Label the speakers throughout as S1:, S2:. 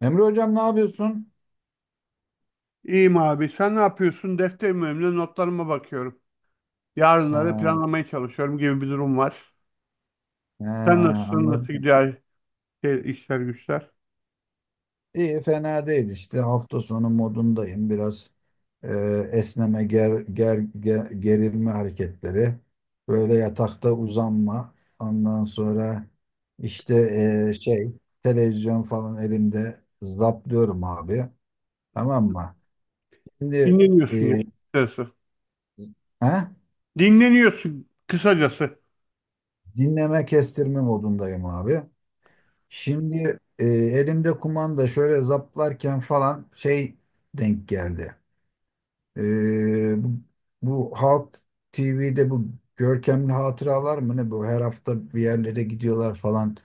S1: Emre hocam ne yapıyorsun?
S2: İyiyim abi. Sen ne yapıyorsun? Defterim önümde, notlarıma bakıyorum. Yarınları
S1: Ha,
S2: planlamaya çalışıyorum gibi bir durum var.
S1: he,
S2: Sen nasılsın? Nasıl
S1: anladım.
S2: gidiyor işler güçler?
S1: İyi, fena değil işte, hafta sonu modundayım biraz. E, esneme ger, ger, ger- Gerilme hareketleri, böyle yatakta uzanma, ondan sonra işte, şey, televizyon falan elimde zaplıyorum abi,
S2: Hı
S1: tamam
S2: hı.
S1: mı? Şimdi,
S2: Dinleniyorsun ya.
S1: e,
S2: Açıkçası.
S1: he?
S2: Dinleniyorsun kısacası.
S1: Dinleme, kestirme modundayım abi. Şimdi, elimde kumanda şöyle zaplarken falan şey denk geldi. E, bu, bu Halk TV'de bu görkemli hatıralar mı ne, bu her hafta bir yerlere gidiyorlar falan.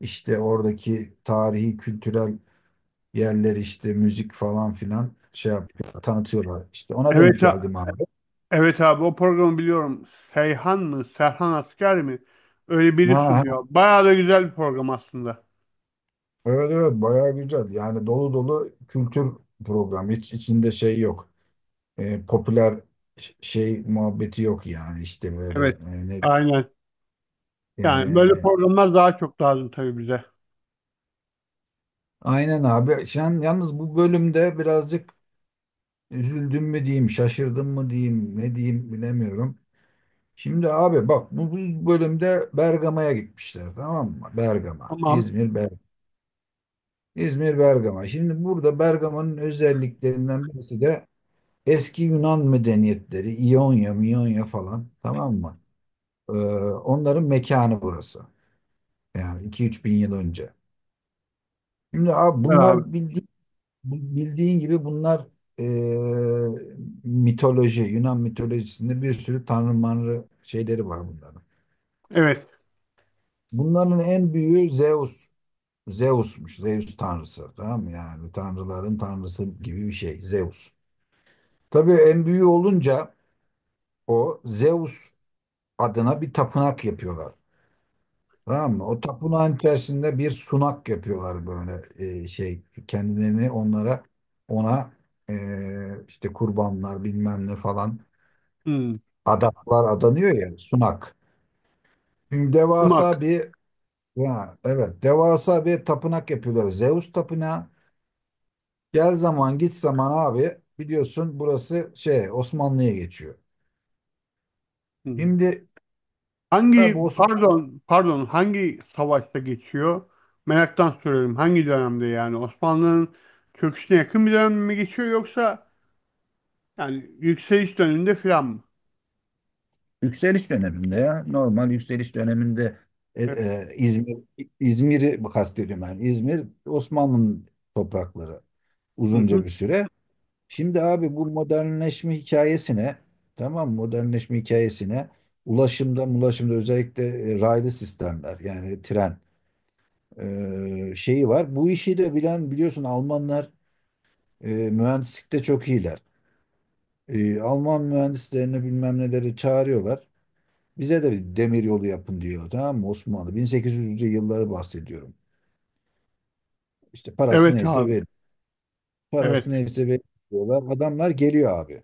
S1: İşte oradaki tarihi kültürel yerler işte, müzik falan filan şey yapıyor, tanıtıyorlar. İşte ona denk
S2: Evet,
S1: geldim abi.
S2: evet abi, o programı biliyorum. Seyhan mı? Serhan Asker mi? Öyle biri
S1: Ha, ha,
S2: sunuyor. Bayağı da güzel bir program aslında.
S1: evet evet, bayağı güzel. Yani dolu dolu kültür programı, hiç içinde şey yok. Popüler şey muhabbeti yok. Yani işte böyle,
S2: Evet. Aynen. Yani böyle
S1: e,
S2: programlar daha çok lazım tabii bize.
S1: aynen abi. Sen yalnız bu bölümde birazcık üzüldüm mü diyeyim, şaşırdım mı diyeyim, ne diyeyim bilemiyorum. Şimdi abi bak, bu bölümde Bergama'ya gitmişler, tamam mı? Bergama,
S2: Tamam.
S1: İzmir, Bergama. İzmir, Bergama. Şimdi burada Bergama'nın özelliklerinden birisi de eski Yunan medeniyetleri, İonya, Miyonya falan, tamam mı? Onların mekanı burası. Yani 2-3 bin yıl önce. Şimdi abi
S2: Güzel abi.
S1: bunlar bildiğin gibi bunlar, eee, mitoloji, Yunan mitolojisinde bir sürü tanrı manrı şeyleri var bunların.
S2: Evet.
S1: Bunların en büyüğü Zeus. Zeus'muş. Zeus tanrısı. Tamam mı? Yani tanrıların tanrısı gibi bir şey, Zeus. Tabii en büyüğü olunca o Zeus adına bir tapınak yapıyorlar. Tamam mı? O tapınağın içerisinde bir sunak yapıyorlar böyle, şey, kendilerini ona, işte kurbanlar bilmem ne falan,
S2: Hmm.
S1: adaklar adanıyor ya, sunak. Şimdi
S2: Irmak.
S1: devasa bir, ya evet, devasa bir tapınak yapıyorlar. Zeus tapınağı. Gel zaman git zaman abi, biliyorsun burası şey, Osmanlı'ya geçiyor.
S2: Hmm.
S1: Şimdi tabii,
S2: Pardon, pardon, hangi savaşta geçiyor? Meraktan soruyorum. Hangi dönemde yani? Osmanlı'nın çöküşüne yakın bir dönem mi geçiyor, yoksa yani yükseliş döneminde filan mı?
S1: yükseliş döneminde ya. Normal yükseliş döneminde. E,
S2: Evet.
S1: e, İzmir, İzmir'i kastediyorum yani. İzmir Osmanlı'nın toprakları
S2: Hı
S1: uzunca
S2: hı.
S1: bir süre. Şimdi abi bu modernleşme hikayesine, tamam mı? Modernleşme hikayesine ulaşımda özellikle raylı sistemler yani tren, şeyi var. Bu işi de bilen biliyorsun, Almanlar mühendislikte çok iyiler. Alman mühendislerini bilmem neleri çağırıyorlar. Bize de bir demir yolu yapın diyor, tamam mı Osmanlı? 1800'lü yılları bahsediyorum. İşte parası
S2: Evet
S1: neyse
S2: abi.
S1: verin.
S2: Evet.
S1: Parası neyse verin diyorlar. Adamlar geliyor abi.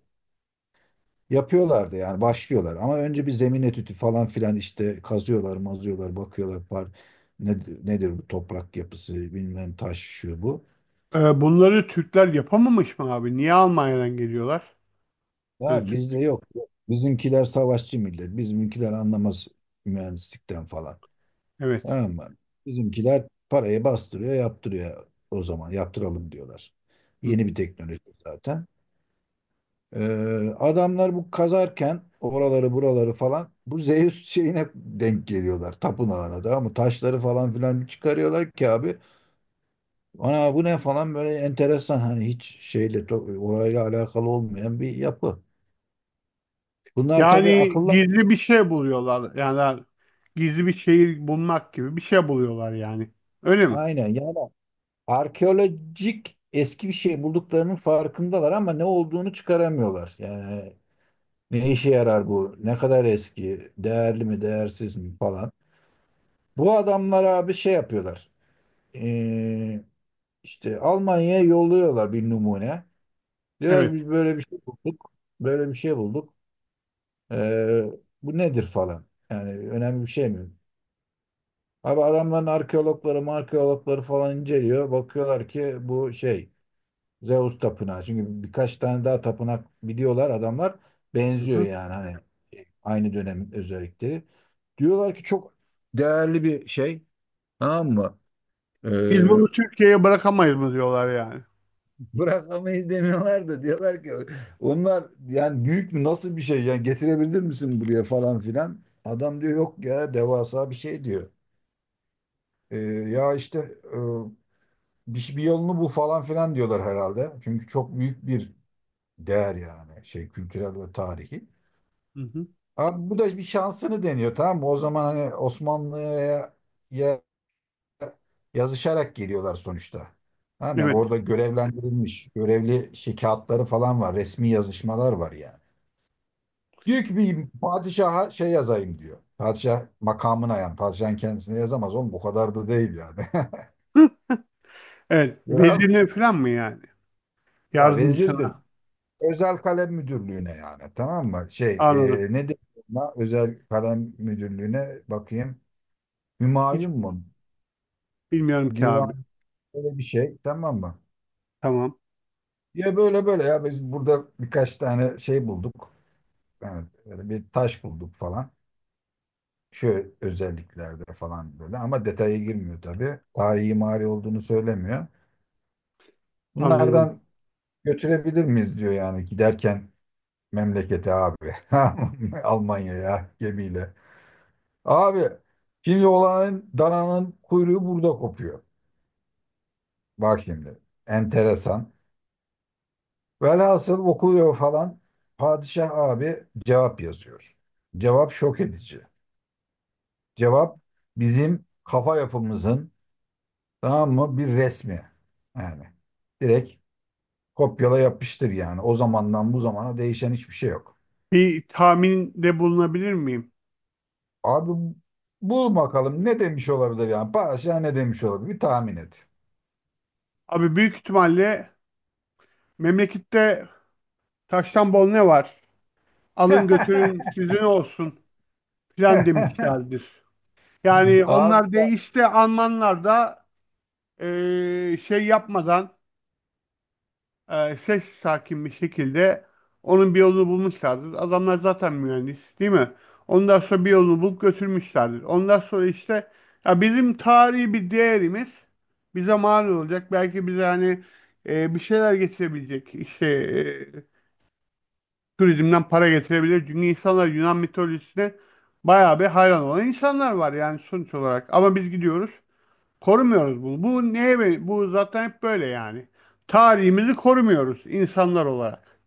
S1: Yapıyorlar da yani, başlıyorlar. Ama önce bir zemin etüdü falan filan, işte kazıyorlar, mazıyorlar, bakıyorlar. Nedir bu toprak yapısı, bilmem taş şu bu.
S2: Bunları Türkler yapamamış mı abi? Niye Almanya'dan geliyorlar? Yani
S1: Ya bizde
S2: Türk.
S1: yok. Bizimkiler savaşçı millet. Bizimkiler anlamaz mühendislikten falan.
S2: Evet.
S1: Ama bizimkiler parayı bastırıyor, yaptırıyor o zaman. Yaptıralım diyorlar.
S2: Hı
S1: Yeni
S2: hı.
S1: bir teknoloji zaten. Adamlar bu kazarken oraları buraları falan, bu Zeus şeyine denk geliyorlar. Tapınağına da, ama taşları falan filan bir çıkarıyorlar ki abi. Ana bu ne falan, böyle enteresan hani, hiç şeyle orayla alakalı olmayan bir yapı. Bunlar tabii
S2: Yani
S1: akıllı,
S2: gizli bir şey buluyorlar. Yani gizli bir şehir bulmak gibi bir şey buluyorlar yani. Öyle mi?
S1: aynen yani, arkeolojik eski bir şey bulduklarının farkındalar ama ne olduğunu çıkaramıyorlar. Yani ne işe yarar bu? Ne kadar eski? Değerli mi, değersiz mi falan. Bu adamlar abi şey yapıyorlar. Ee, işte Almanya'ya yolluyorlar bir numune. Diyorlar ki
S2: Evet.
S1: biz böyle bir şey bulduk. Böyle bir şey bulduk. Ee, Bu nedir falan. Yani önemli bir şey mi? Abi adamların arkeologları falan inceliyor. Bakıyorlar ki bu şey, Zeus tapınağı. Çünkü birkaç tane daha tapınak biliyorlar adamlar.
S2: Hı
S1: Benziyor
S2: hı.
S1: yani, hani şey, aynı dönemin özellikleri. Diyorlar ki çok değerli bir şey. Tamam mı? Ee,
S2: Biz bunu Türkiye'ye bırakamayız mı diyorlar yani.
S1: Bırakamayız demiyorlar da, diyorlar ki onlar yani, büyük mü, nasıl bir şey yani, getirebilir misin buraya falan filan. Adam diyor yok ya, devasa bir şey diyor. Ee, ya işte e, bir yolunu bul falan filan diyorlar herhalde. Çünkü çok büyük bir değer yani, şey, kültürel ve tarihi.
S2: Hı hı.
S1: Abi bu da bir şansını deniyor, tamam mı? O zaman hani Osmanlı'ya ya- yazışarak geliyorlar sonuçta. Tamam yani
S2: Evet.
S1: orada görevlendirilmiş, görevli şey kağıtları falan var, resmi yazışmalar var yani. Diyor ki bir padişaha şey yazayım diyor. Padişah makamına yani. Padişahın kendisine yazamaz oğlum, o kadar da değil yani.
S2: Hı. Evet.
S1: Ya,
S2: Vezirine falan mı yani?
S1: ya vezir dedi.
S2: Yardımcısına.
S1: Özel kalem müdürlüğüne yani, tamam mı? Şey,
S2: Anladım.
S1: ne deniyor ona? Özel kalem müdürlüğüne bakayım.
S2: Hiç
S1: Hümayun mu?
S2: bilmiyorum ki abi.
S1: Divan. Böyle bir şey, tamam mı?
S2: Tamam.
S1: Ya böyle böyle, ya biz burada birkaç tane şey bulduk. Yani böyle bir taş bulduk falan. Şu özelliklerde falan böyle, ama detaya girmiyor tabii. Daha iyi mimari olduğunu söylemiyor.
S2: Anladım.
S1: Bunlardan götürebilir miyiz diyor yani, giderken memlekete abi. Almanya'ya gemiyle. Abi şimdi olanın dananın kuyruğu burada kopuyor. Bak şimdi enteresan. Velhasıl okuyor falan. Padişah abi cevap yazıyor. Cevap şok edici. Cevap bizim kafa yapımızın, tamam mı, bir resmi. Yani direkt kopyala yapıştır yani. O zamandan bu zamana değişen hiçbir şey yok.
S2: Bir tahminde bulunabilir miyim?
S1: Abi bul bakalım ne demiş olabilir yani. Padişah ne demiş olabilir? Bir tahmin et.
S2: Abi, büyük ihtimalle memlekette taştan bol ne var? Alın götürün sizin olsun filan demişlerdir. Yani
S1: Abi,
S2: onlar değişti, Almanlar da yapmadan, ses sakin bir şekilde onun bir yolunu bulmuşlardır. Adamlar zaten mühendis değil mi? Ondan sonra bir yolunu bulup götürmüşlerdir. Ondan sonra işte, ya, bizim tarihi bir değerimiz bize mal olacak. Belki bize hani bir şeyler getirebilecek. İşte turizmden para getirebilir. Çünkü insanlar Yunan mitolojisine bayağı bir hayran olan insanlar var yani, sonuç olarak. Ama biz gidiyoruz, korumuyoruz bunu. Bu zaten hep böyle yani. Tarihimizi korumuyoruz insanlar olarak.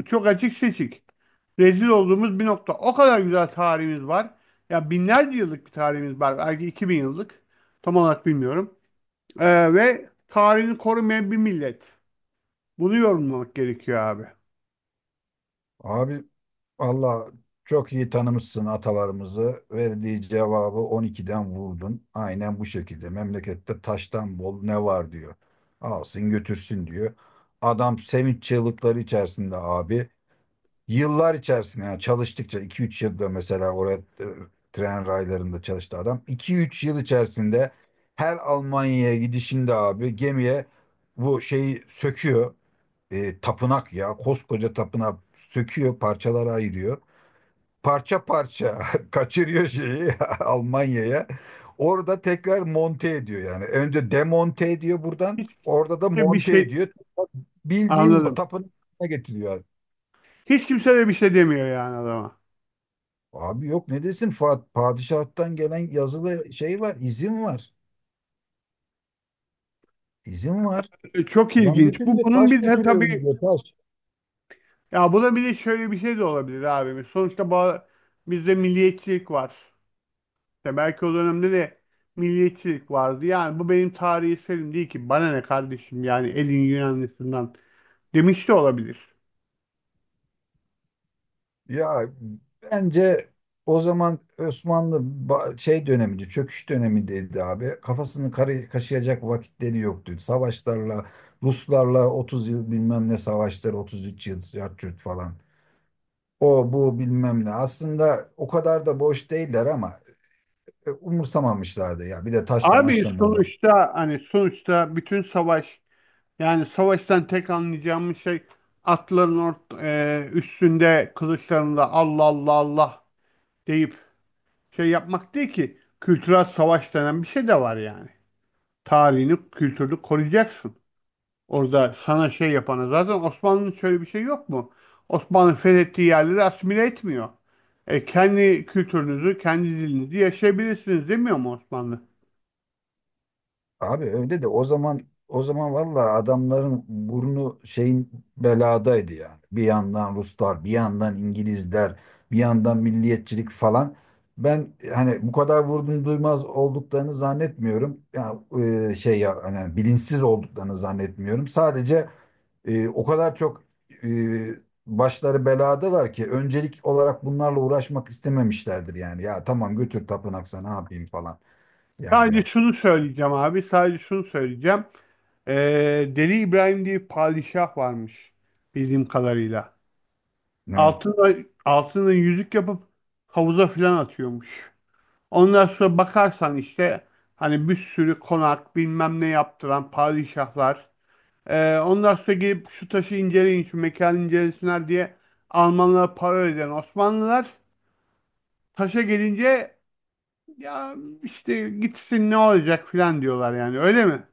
S2: Bu çok açık seçik. Rezil olduğumuz bir nokta. O kadar güzel tarihimiz var. Ya, binlerce yıllık bir tarihimiz var. Belki 2.000 yıllık. Tam olarak bilmiyorum. Ve tarihini korumayan bir millet. Bunu yorumlamak gerekiyor abi.
S1: abi valla çok iyi tanımışsın atalarımızı. Verdiği cevabı 12'den vurdun. Aynen bu şekilde. Memlekette taştan bol ne var diyor. Alsın götürsün diyor. Adam sevinç çığlıkları içerisinde abi. Yıllar içerisinde yani çalıştıkça, 2-3 yılda mesela oraya tren raylarında çalıştı adam. 2-3 yıl içerisinde her Almanya'ya gidişinde abi, gemiye bu şeyi söküyor. Tapınak ya, koskoca tapınak söküyor, parçalara ayırıyor, parça parça kaçırıyor şeyi Almanya'ya. Orada tekrar monte ediyor yani. Önce demonte ediyor buradan.
S2: Hiç
S1: Orada da
S2: kimse bir
S1: monte
S2: şey
S1: ediyor. Bildiğin
S2: Anladım.
S1: tapınağına getiriyor.
S2: Hiç kimse de bir şey demiyor yani adama.
S1: Abi yok ne desin, padişahtan gelen yazılı şey var, izin var. İzin var.
S2: Çok
S1: Adam
S2: ilginç. Bu
S1: götürüyor,
S2: bunun
S1: taş
S2: bize
S1: götürüyorum
S2: tabii
S1: diyor, taş.
S2: Ya, bu da, bir de şöyle bir şey de olabilir abi. Sonuçta bizde milliyetçilik var. İşte belki o dönemde de milliyetçilik vardı. Yani bu benim tarihi eserim değil ki. Bana ne kardeşim yani, elin Yunanlısından, demiş de olabilir.
S1: Ya bence o zaman Osmanlı şey dönemiydi, çöküş dönemindeydi abi. Kafasını kaşıyacak vakitleri yoktu. Savaşlarla, Ruslarla 30 yıl bilmem ne savaşları, 33 yıl yat yurt falan. O bu bilmem ne. Aslında o kadar da boş değiller, ama umursamamışlardı ya. Bir de taşla
S2: Abi
S1: maçla mı?
S2: sonuçta hani sonuçta bütün savaş yani savaştan tek anlayacağımız şey atların üstünde, kılıçlarında Allah Allah Allah deyip şey yapmak değil ki; kültürel savaş denen bir şey de var yani. Tarihini, kültürünü koruyacaksın. Orada sana şey yapana zaten, Osmanlı'nın şöyle bir şey yok mu? Osmanlı fethettiği yerleri asimile etmiyor. Kendi kültürünüzü, kendi dilinizi yaşayabilirsiniz demiyor mu Osmanlı?
S1: Abi öyle de, o zaman vallahi adamların burnu şeyin beladaydı yani. Bir yandan Ruslar, bir yandan İngilizler, bir yandan milliyetçilik falan. Ben hani bu kadar vurdum duymaz olduklarını zannetmiyorum. Ya şey ya, hani bilinçsiz olduklarını zannetmiyorum. Sadece o kadar çok e, başları beladalar ki, öncelik olarak bunlarla uğraşmak istememişlerdir yani. Ya tamam, götür tapınak, sana ne, yapayım falan yani.
S2: Sadece şunu söyleyeceğim abi, sadece şunu söyleyeceğim. E, Deli İbrahim diye bir padişah varmış bildiğim kadarıyla. Altına, altına yüzük yapıp havuza filan atıyormuş. Ondan sonra bakarsan işte hani bir sürü konak bilmem ne yaptıran padişahlar. Ondan sonra gelip şu taşı inceleyin, şu mekanı incelesinler diye Almanlara para öden Osmanlılar. Taşa gelince ya, işte gitsin ne olacak filan diyorlar yani, öyle mi?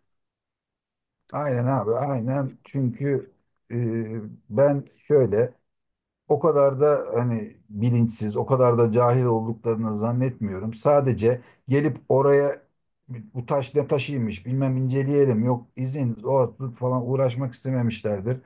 S1: Aynen abi, aynen, çünkü e, ben şöyle, o kadar da hani bilinçsiz, o kadar da cahil olduklarını zannetmiyorum. Sadece gelip oraya, bu taş ne taşıymış bilmem, inceleyelim, yok izin, o falan, uğraşmak istememişlerdir.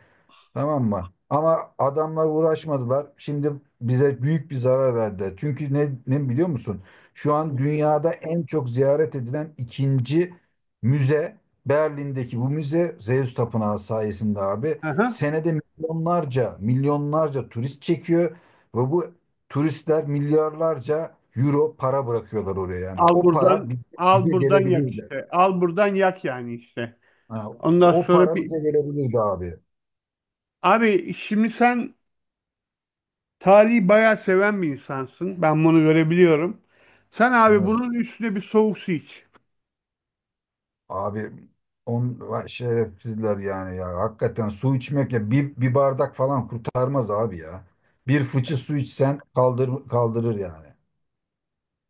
S1: Tamam mı? Ama adamlar uğraşmadılar. Şimdi bize büyük bir zarar verdi. Çünkü ne biliyor musun? Şu an dünyada en çok ziyaret edilen ikinci müze, Berlin'deki bu müze, Zeus Tapınağı sayesinde abi.
S2: Aha.
S1: Senede milyonlarca, milyonlarca turist çekiyor ve bu turistler milyarlarca euro para bırakıyorlar oraya yani.
S2: Al
S1: O para
S2: buradan,
S1: bize,
S2: al
S1: bize
S2: buradan yak
S1: gelebilirdi.
S2: işte. Al buradan yak yani işte.
S1: Ha,
S2: Ondan
S1: o para
S2: sonra bir
S1: bize gelebilirdi abi.
S2: abi, şimdi sen tarihi bayağı seven bir insansın. Ben bunu görebiliyorum. Sen abi
S1: Evet.
S2: bunun üstüne bir soğuk su iç.
S1: Abi on, vay şerefsizler yani ya. Hakikaten su içmek ya, bir bardak falan kurtarmaz abi ya. Bir fıçı su içsen kaldırır yani.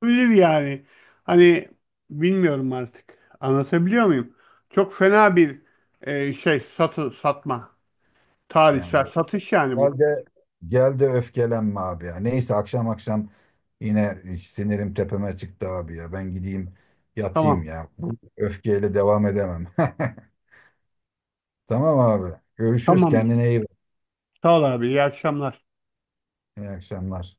S2: Bilir yani. Hani, bilmiyorum artık. Anlatabiliyor muyum? Çok fena bir şey, satma. Tarihsel
S1: Yani
S2: satış yani
S1: gel
S2: bu.
S1: de gel de öfkelenme abi ya. Neyse, akşam akşam yine sinirim tepeme çıktı abi ya. Ben gideyim yatayım
S2: Tamam.
S1: ya. Bu öfkeyle devam edemem. Tamam abi. Görüşürüz.
S2: Tamamdır.
S1: Kendine iyi bak.
S2: Sağ ol abi. İyi akşamlar.
S1: İyi akşamlar.